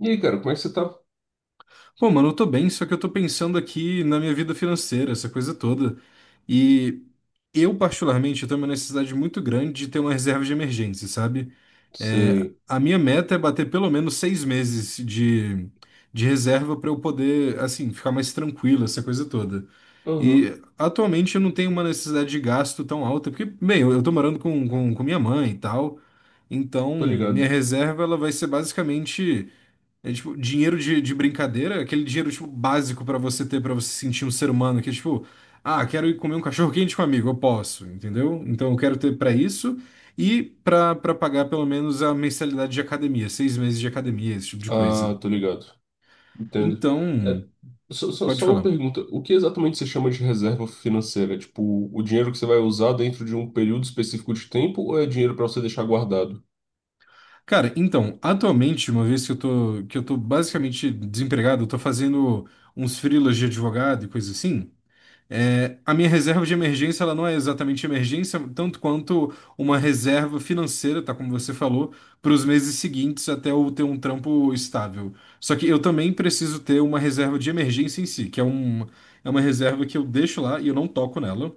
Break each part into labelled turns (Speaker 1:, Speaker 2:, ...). Speaker 1: E aí, cara, como é que você tá?
Speaker 2: Pô, mano, eu tô bem, só que eu tô pensando aqui na minha vida financeira, essa coisa toda. E eu, particularmente, eu tenho uma necessidade muito grande de ter uma reserva de emergência, sabe? É,
Speaker 1: Sei.
Speaker 2: a minha meta é bater pelo menos seis meses de reserva pra eu poder, assim, ficar mais tranquilo, essa coisa toda.
Speaker 1: Aham,
Speaker 2: E atualmente eu não tenho uma necessidade de gasto tão alta, porque, bem, eu tô morando com minha mãe e tal. Então,
Speaker 1: tô
Speaker 2: minha
Speaker 1: ligado.
Speaker 2: reserva ela vai ser basicamente. É tipo, dinheiro de brincadeira, aquele dinheiro tipo básico pra você ter pra você se sentir um ser humano, que é tipo, ah, quero ir comer um cachorro quente com um amigo, eu posso, entendeu? Então eu quero ter pra isso e pra para pagar pelo menos a mensalidade de academia, seis meses de academia, esse tipo de coisa.
Speaker 1: Ah, tô ligado. Entendo. É,
Speaker 2: Então,
Speaker 1: só,
Speaker 2: pode
Speaker 1: só uma
Speaker 2: falar.
Speaker 1: pergunta. O que exatamente você chama de reserva financeira? É, tipo, o dinheiro que você vai usar dentro de um período específico de tempo ou é dinheiro pra você deixar guardado?
Speaker 2: Cara, então, atualmente, uma vez que eu tô basicamente desempregado, eu tô fazendo uns freelas de advogado e coisa assim. É, a minha reserva de emergência, ela não é exatamente emergência, tanto quanto uma reserva financeira, tá? Como você falou, para os meses seguintes até eu ter um trampo estável. Só que eu também preciso ter uma reserva de emergência em si, que é uma reserva que eu deixo lá e eu não toco nela,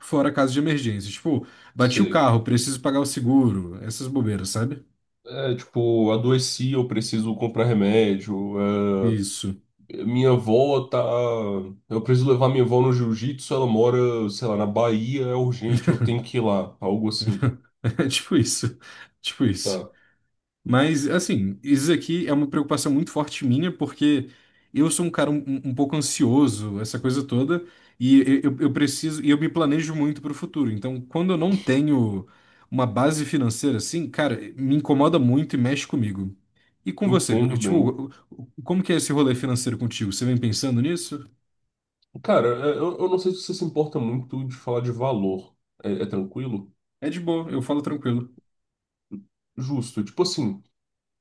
Speaker 2: fora caso de emergência. Tipo, bati o
Speaker 1: Sei.
Speaker 2: carro, preciso pagar o seguro, essas bobeiras, sabe?
Speaker 1: É, tipo, adoeci, eu preciso comprar remédio.
Speaker 2: Isso.
Speaker 1: Minha avó tá. Eu preciso levar minha avó no jiu-jitsu, ela mora, sei lá, na Bahia, é urgente, eu tenho que ir lá, algo assim.
Speaker 2: É tipo isso. Tipo isso.
Speaker 1: Tá,
Speaker 2: Mas, assim, isso aqui é uma preocupação muito forte minha, porque eu sou um cara um pouco ansioso, essa coisa toda, e eu preciso, e eu me planejo muito para o futuro. Então, quando eu não tenho uma base financeira assim, cara, me incomoda muito e mexe comigo. E com você?
Speaker 1: entendo
Speaker 2: Eu,
Speaker 1: bem.
Speaker 2: tipo, como que é esse rolê financeiro contigo? Você vem pensando nisso?
Speaker 1: Cara, é, eu não sei se você se importa muito de falar de valor. É, é tranquilo?
Speaker 2: É de boa, eu falo tranquilo.
Speaker 1: Justo. Tipo assim,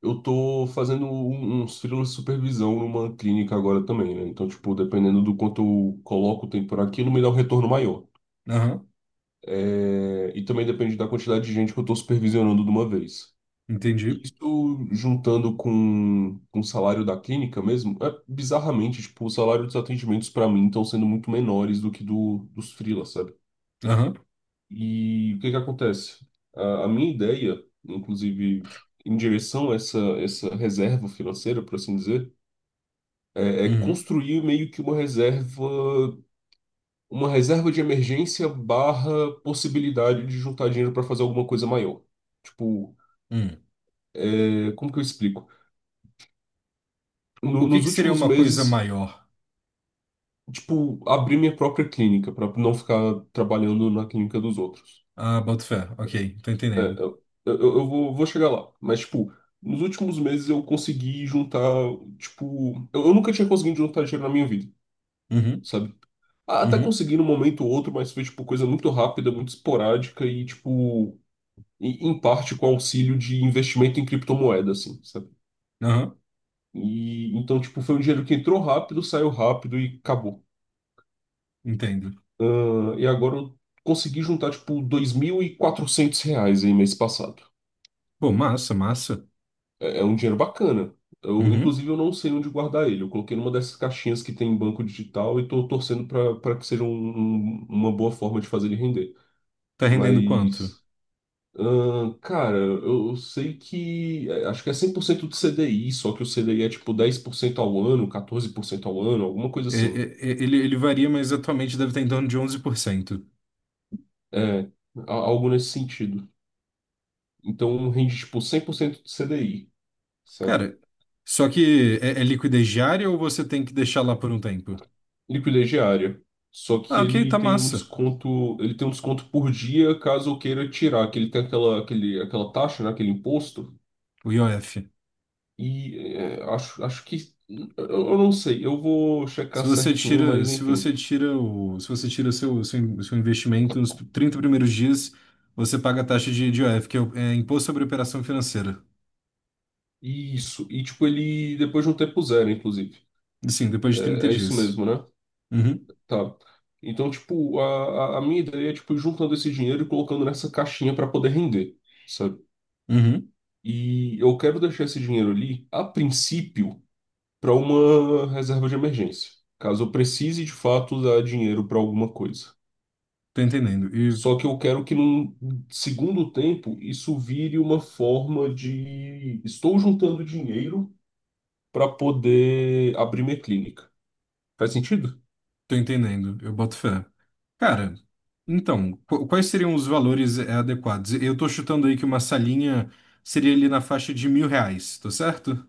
Speaker 1: eu tô fazendo uns freelas de supervisão numa clínica agora também, né? Então, tipo, dependendo do quanto eu coloco o tempo por aquilo, me dá um retorno maior.
Speaker 2: Aham,
Speaker 1: É, e também depende da quantidade de gente que eu tô supervisionando de uma vez.
Speaker 2: entendi.
Speaker 1: Isso juntando com o salário da clínica mesmo, é, bizarramente, tipo, o salário dos atendimentos para mim estão sendo muito menores do que dos freelas, sabe?
Speaker 2: Aham,
Speaker 1: E o que que acontece? A minha ideia, inclusive em direção a essa reserva financeira, por assim dizer, é
Speaker 2: uhum,
Speaker 1: construir meio que uma reserva de emergência barra possibilidade de juntar dinheiro para fazer alguma coisa maior. Tipo,
Speaker 2: uhum.
Speaker 1: é, como que eu explico?
Speaker 2: O que
Speaker 1: Nos
Speaker 2: que seria
Speaker 1: últimos
Speaker 2: uma coisa
Speaker 1: meses.
Speaker 2: maior?
Speaker 1: Tipo, abrir minha própria clínica para não ficar trabalhando na clínica dos outros.
Speaker 2: Ah, boto fé. Ok, tô entendendo.
Speaker 1: Eu vou, vou chegar lá. Mas, tipo, nos últimos meses eu consegui juntar, tipo, eu nunca tinha conseguido juntar dinheiro na minha vida,
Speaker 2: Uhum.
Speaker 1: sabe? Ah, até
Speaker 2: Uhum.
Speaker 1: consegui num momento ou outro, mas foi, tipo, coisa muito rápida, muito esporádica e, tipo, em parte com auxílio de investimento em criptomoeda, assim, sabe?
Speaker 2: Aham.
Speaker 1: E então, tipo, foi um dinheiro que entrou rápido, saiu rápido e acabou.
Speaker 2: Entendo.
Speaker 1: Ah, e agora eu consegui juntar, tipo, 2.400 reais aí mês passado.
Speaker 2: Pô, massa, massa.
Speaker 1: É, é um dinheiro bacana. Eu,
Speaker 2: Uhum.
Speaker 1: inclusive, eu não sei onde guardar ele. Eu coloquei numa dessas caixinhas que tem em banco digital e tô torcendo para que seja uma boa forma de fazer ele render.
Speaker 2: Tá rendendo quanto?
Speaker 1: Mas, ah, cara, eu sei que. Acho que é 100% do CDI, só que o CDI é tipo 10% ao ano, 14% ao ano, alguma coisa assim.
Speaker 2: Ele varia, mas atualmente deve estar em torno de 11%.
Speaker 1: É, algo nesse sentido. Então rende tipo 100% do CDI. Saca?
Speaker 2: Cara, só que é liquidez diária ou você tem que deixar lá por um tempo?
Speaker 1: Liquidez diária. Só que
Speaker 2: Ah, ok, tá
Speaker 1: ele tem um
Speaker 2: massa.
Speaker 1: desconto, ele tem um desconto por dia caso eu queira tirar, que ele tem aquela taxa, né, aquele imposto.
Speaker 2: O IOF.
Speaker 1: E é, acho que, eu não sei, eu vou checar certinho, mas enfim.
Speaker 2: Se você tira seu investimento nos 30 primeiros dias, você paga a taxa de IOF, que é Imposto sobre Operação Financeira.
Speaker 1: E isso, e tipo, ele depois de um tempo zero, inclusive.
Speaker 2: Sim, depois de 30
Speaker 1: É, é isso
Speaker 2: dias.
Speaker 1: mesmo, né?
Speaker 2: Uhum.
Speaker 1: Tá. Então, tipo, a minha ideia é, tipo, ir juntando esse dinheiro e colocando nessa caixinha para poder render, sabe?
Speaker 2: Uhum.
Speaker 1: E eu quero deixar esse dinheiro ali, a princípio para uma reserva de emergência, caso eu precise de fato dar dinheiro para alguma coisa.
Speaker 2: Tô entendendo.
Speaker 1: Só que eu quero que num segundo tempo isso vire uma forma de estou juntando dinheiro para poder abrir minha clínica. Faz sentido?
Speaker 2: Tô entendendo, eu boto fé. Cara, então, quais seriam os valores adequados? Eu tô chutando aí que uma salinha seria ali na faixa de 1.000 reais, tá certo?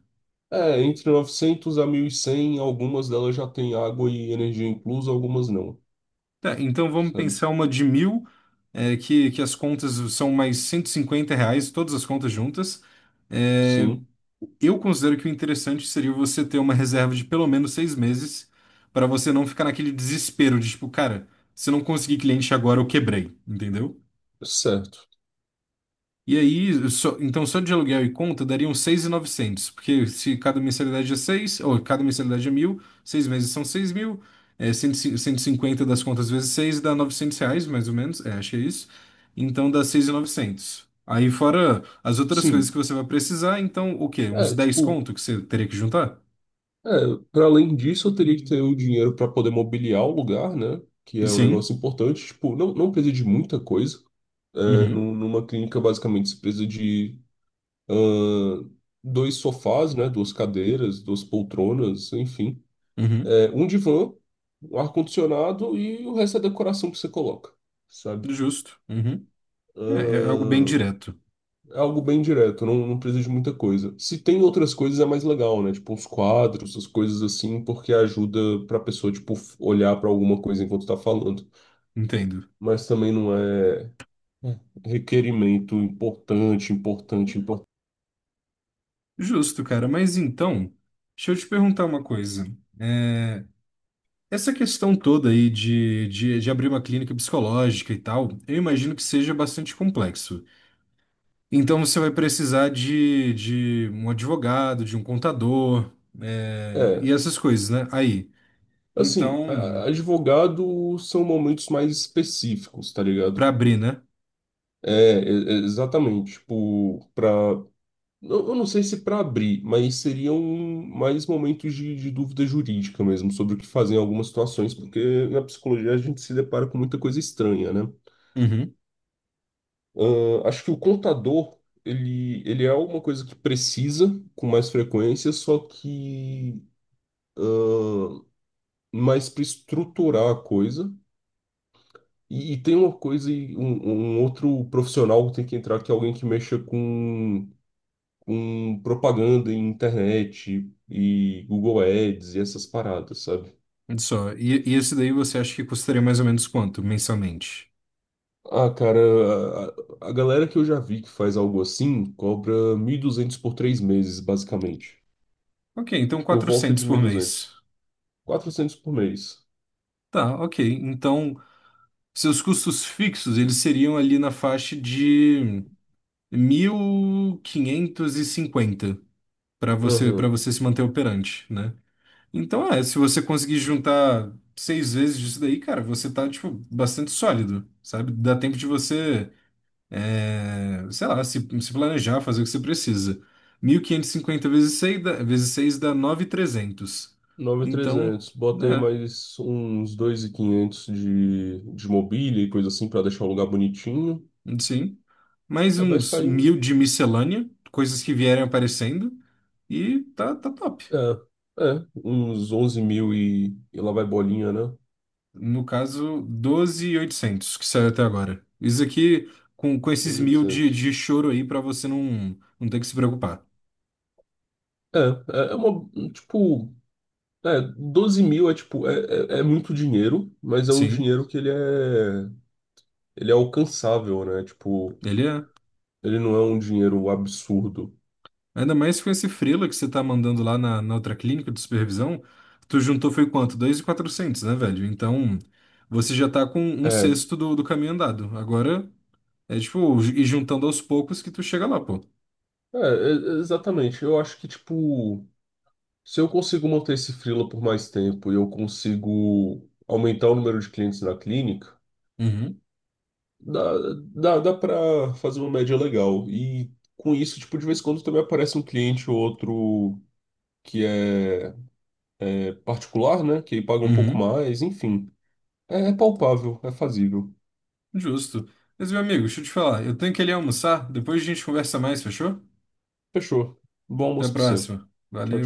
Speaker 1: É, entre 900 a 1.100 algumas delas já têm água e energia inclusa, algumas não,
Speaker 2: Tá, então vamos
Speaker 1: sabe?
Speaker 2: pensar uma de mil, que as contas são mais 150 reais, todas as contas juntas. É,
Speaker 1: Sim,
Speaker 2: eu considero que o interessante seria você ter uma reserva de pelo menos seis meses, para você não ficar naquele desespero de tipo, cara, se eu não conseguir cliente agora, eu quebrei, entendeu?
Speaker 1: certo.
Speaker 2: E aí, então só de aluguel e conta dariam 6.900, porque se cada mensalidade é 6 ou cada mensalidade é mil, seis meses são 6 mil, é 150 das contas vezes 6 dá 900 reais, mais ou menos, é, acho que é isso. Então dá 6.900. Aí fora as outras coisas
Speaker 1: Sim.
Speaker 2: que você vai precisar, então o quê? Uns
Speaker 1: É,
Speaker 2: dez
Speaker 1: tipo,
Speaker 2: conto que você teria que juntar?
Speaker 1: é, para além disso, eu teria que ter o dinheiro para poder mobiliar o lugar, né? Que é um
Speaker 2: Sim.
Speaker 1: negócio importante. Tipo, não precisa de muita coisa. É,
Speaker 2: Uhum,
Speaker 1: numa clínica, basicamente, você precisa de ahn, dois sofás, né? Duas cadeiras, duas poltronas, enfim.
Speaker 2: uhum,
Speaker 1: É, um divã, um ar-condicionado e o resto é decoração que você coloca, sabe?
Speaker 2: justo. Uhum. É algo bem direto,
Speaker 1: É algo bem direto, não precisa de muita coisa. Se tem outras coisas é mais legal, né? Tipo uns quadros, as coisas assim, porque ajuda pra pessoa, tipo, olhar pra alguma coisa enquanto tá falando.
Speaker 2: entendo.
Speaker 1: Mas também não é é, requerimento importante, importante, importante.
Speaker 2: Justo, cara, mas então, deixa eu te perguntar uma coisa. é, Essa questão toda aí de abrir uma clínica psicológica e tal, eu imagino que seja bastante complexo. Então você vai precisar de um advogado, de um contador, e
Speaker 1: É,
Speaker 2: essas coisas, né? Aí.
Speaker 1: assim,
Speaker 2: Então,
Speaker 1: advogado são momentos mais específicos, tá
Speaker 2: para
Speaker 1: ligado?
Speaker 2: abrir, né?
Speaker 1: É, exatamente. Tipo, pra eu não sei se para abrir, mas seriam mais momentos de dúvida jurídica mesmo sobre o que fazer em algumas situações, porque na psicologia a gente se depara com muita coisa estranha, né?
Speaker 2: Uhum.
Speaker 1: Ah, acho que o contador, ele é uma coisa que precisa com mais frequência, só que mais para estruturar a coisa. E tem uma coisa, e um outro profissional que tem que entrar, que é alguém que mexa com propaganda em internet e Google Ads e essas paradas, sabe?
Speaker 2: Olha só. E esse daí você acha que custaria mais ou menos quanto mensalmente?
Speaker 1: Ah, cara, a galera que eu já vi que faz algo assim cobra 1.200 por três meses, basicamente.
Speaker 2: Ok, então
Speaker 1: Por volta
Speaker 2: 400
Speaker 1: de mil e
Speaker 2: por mês.
Speaker 1: duzentos. 400 por mês.
Speaker 2: Tá, ok. Então, seus custos fixos, eles seriam ali na faixa de 1.550 para você para
Speaker 1: Aham.
Speaker 2: você se manter operante, né? Então, se você conseguir juntar seis vezes disso daí, cara, você tá, tipo, bastante sólido, sabe? Dá tempo de você, sei lá, se planejar, fazer o que você precisa. 1.550 vezes 6 dá, vezes 6 dá 9.300. Então,
Speaker 1: 9.300. Bota aí
Speaker 2: né,
Speaker 1: mais uns 2.500 de mobília e coisa assim pra deixar o lugar bonitinho.
Speaker 2: sim. Mais
Speaker 1: É, vai
Speaker 2: uns
Speaker 1: sair
Speaker 2: mil de miscelânea, coisas que vierem aparecendo, e tá, top.
Speaker 1: é, é, uns 11 mil e lá vai bolinha, né?
Speaker 2: No caso, 12.800 que saiu até agora. Isso aqui com esses mil de,
Speaker 1: 2.800.
Speaker 2: de choro aí pra você não ter que se preocupar.
Speaker 1: É, é, é uma, tipo, é, 12 mil é tipo, é muito dinheiro, mas é um
Speaker 2: Sim,
Speaker 1: dinheiro que ele é alcançável, né? Tipo,
Speaker 2: ele é.
Speaker 1: ele não é um dinheiro absurdo.
Speaker 2: Ainda mais com esse freela que você tá mandando lá na outra clínica de supervisão, tu juntou foi quanto? 2.400, né, velho? Então, você já tá com um
Speaker 1: É,
Speaker 2: sexto do caminho andado. Agora é tipo, e juntando aos poucos que tu chega lá, pô.
Speaker 1: é, exatamente. Eu acho que, tipo, se eu consigo manter esse freela por mais tempo e eu consigo aumentar o número de clientes na clínica,
Speaker 2: Uhum,
Speaker 1: dá, dá pra fazer uma média legal. E com isso, tipo, de vez em quando também aparece um cliente ou outro que é, é particular, né? Que paga um pouco
Speaker 2: uhum,
Speaker 1: mais, enfim. É palpável, é fazível.
Speaker 2: justo. Mas, meu amigo, deixa eu te falar, eu tenho que ali almoçar, depois a gente conversa mais, fechou?
Speaker 1: Fechou. Bom
Speaker 2: Até a
Speaker 1: almoço pra você.
Speaker 2: próxima.
Speaker 1: Tchau, tchau.
Speaker 2: Valeu.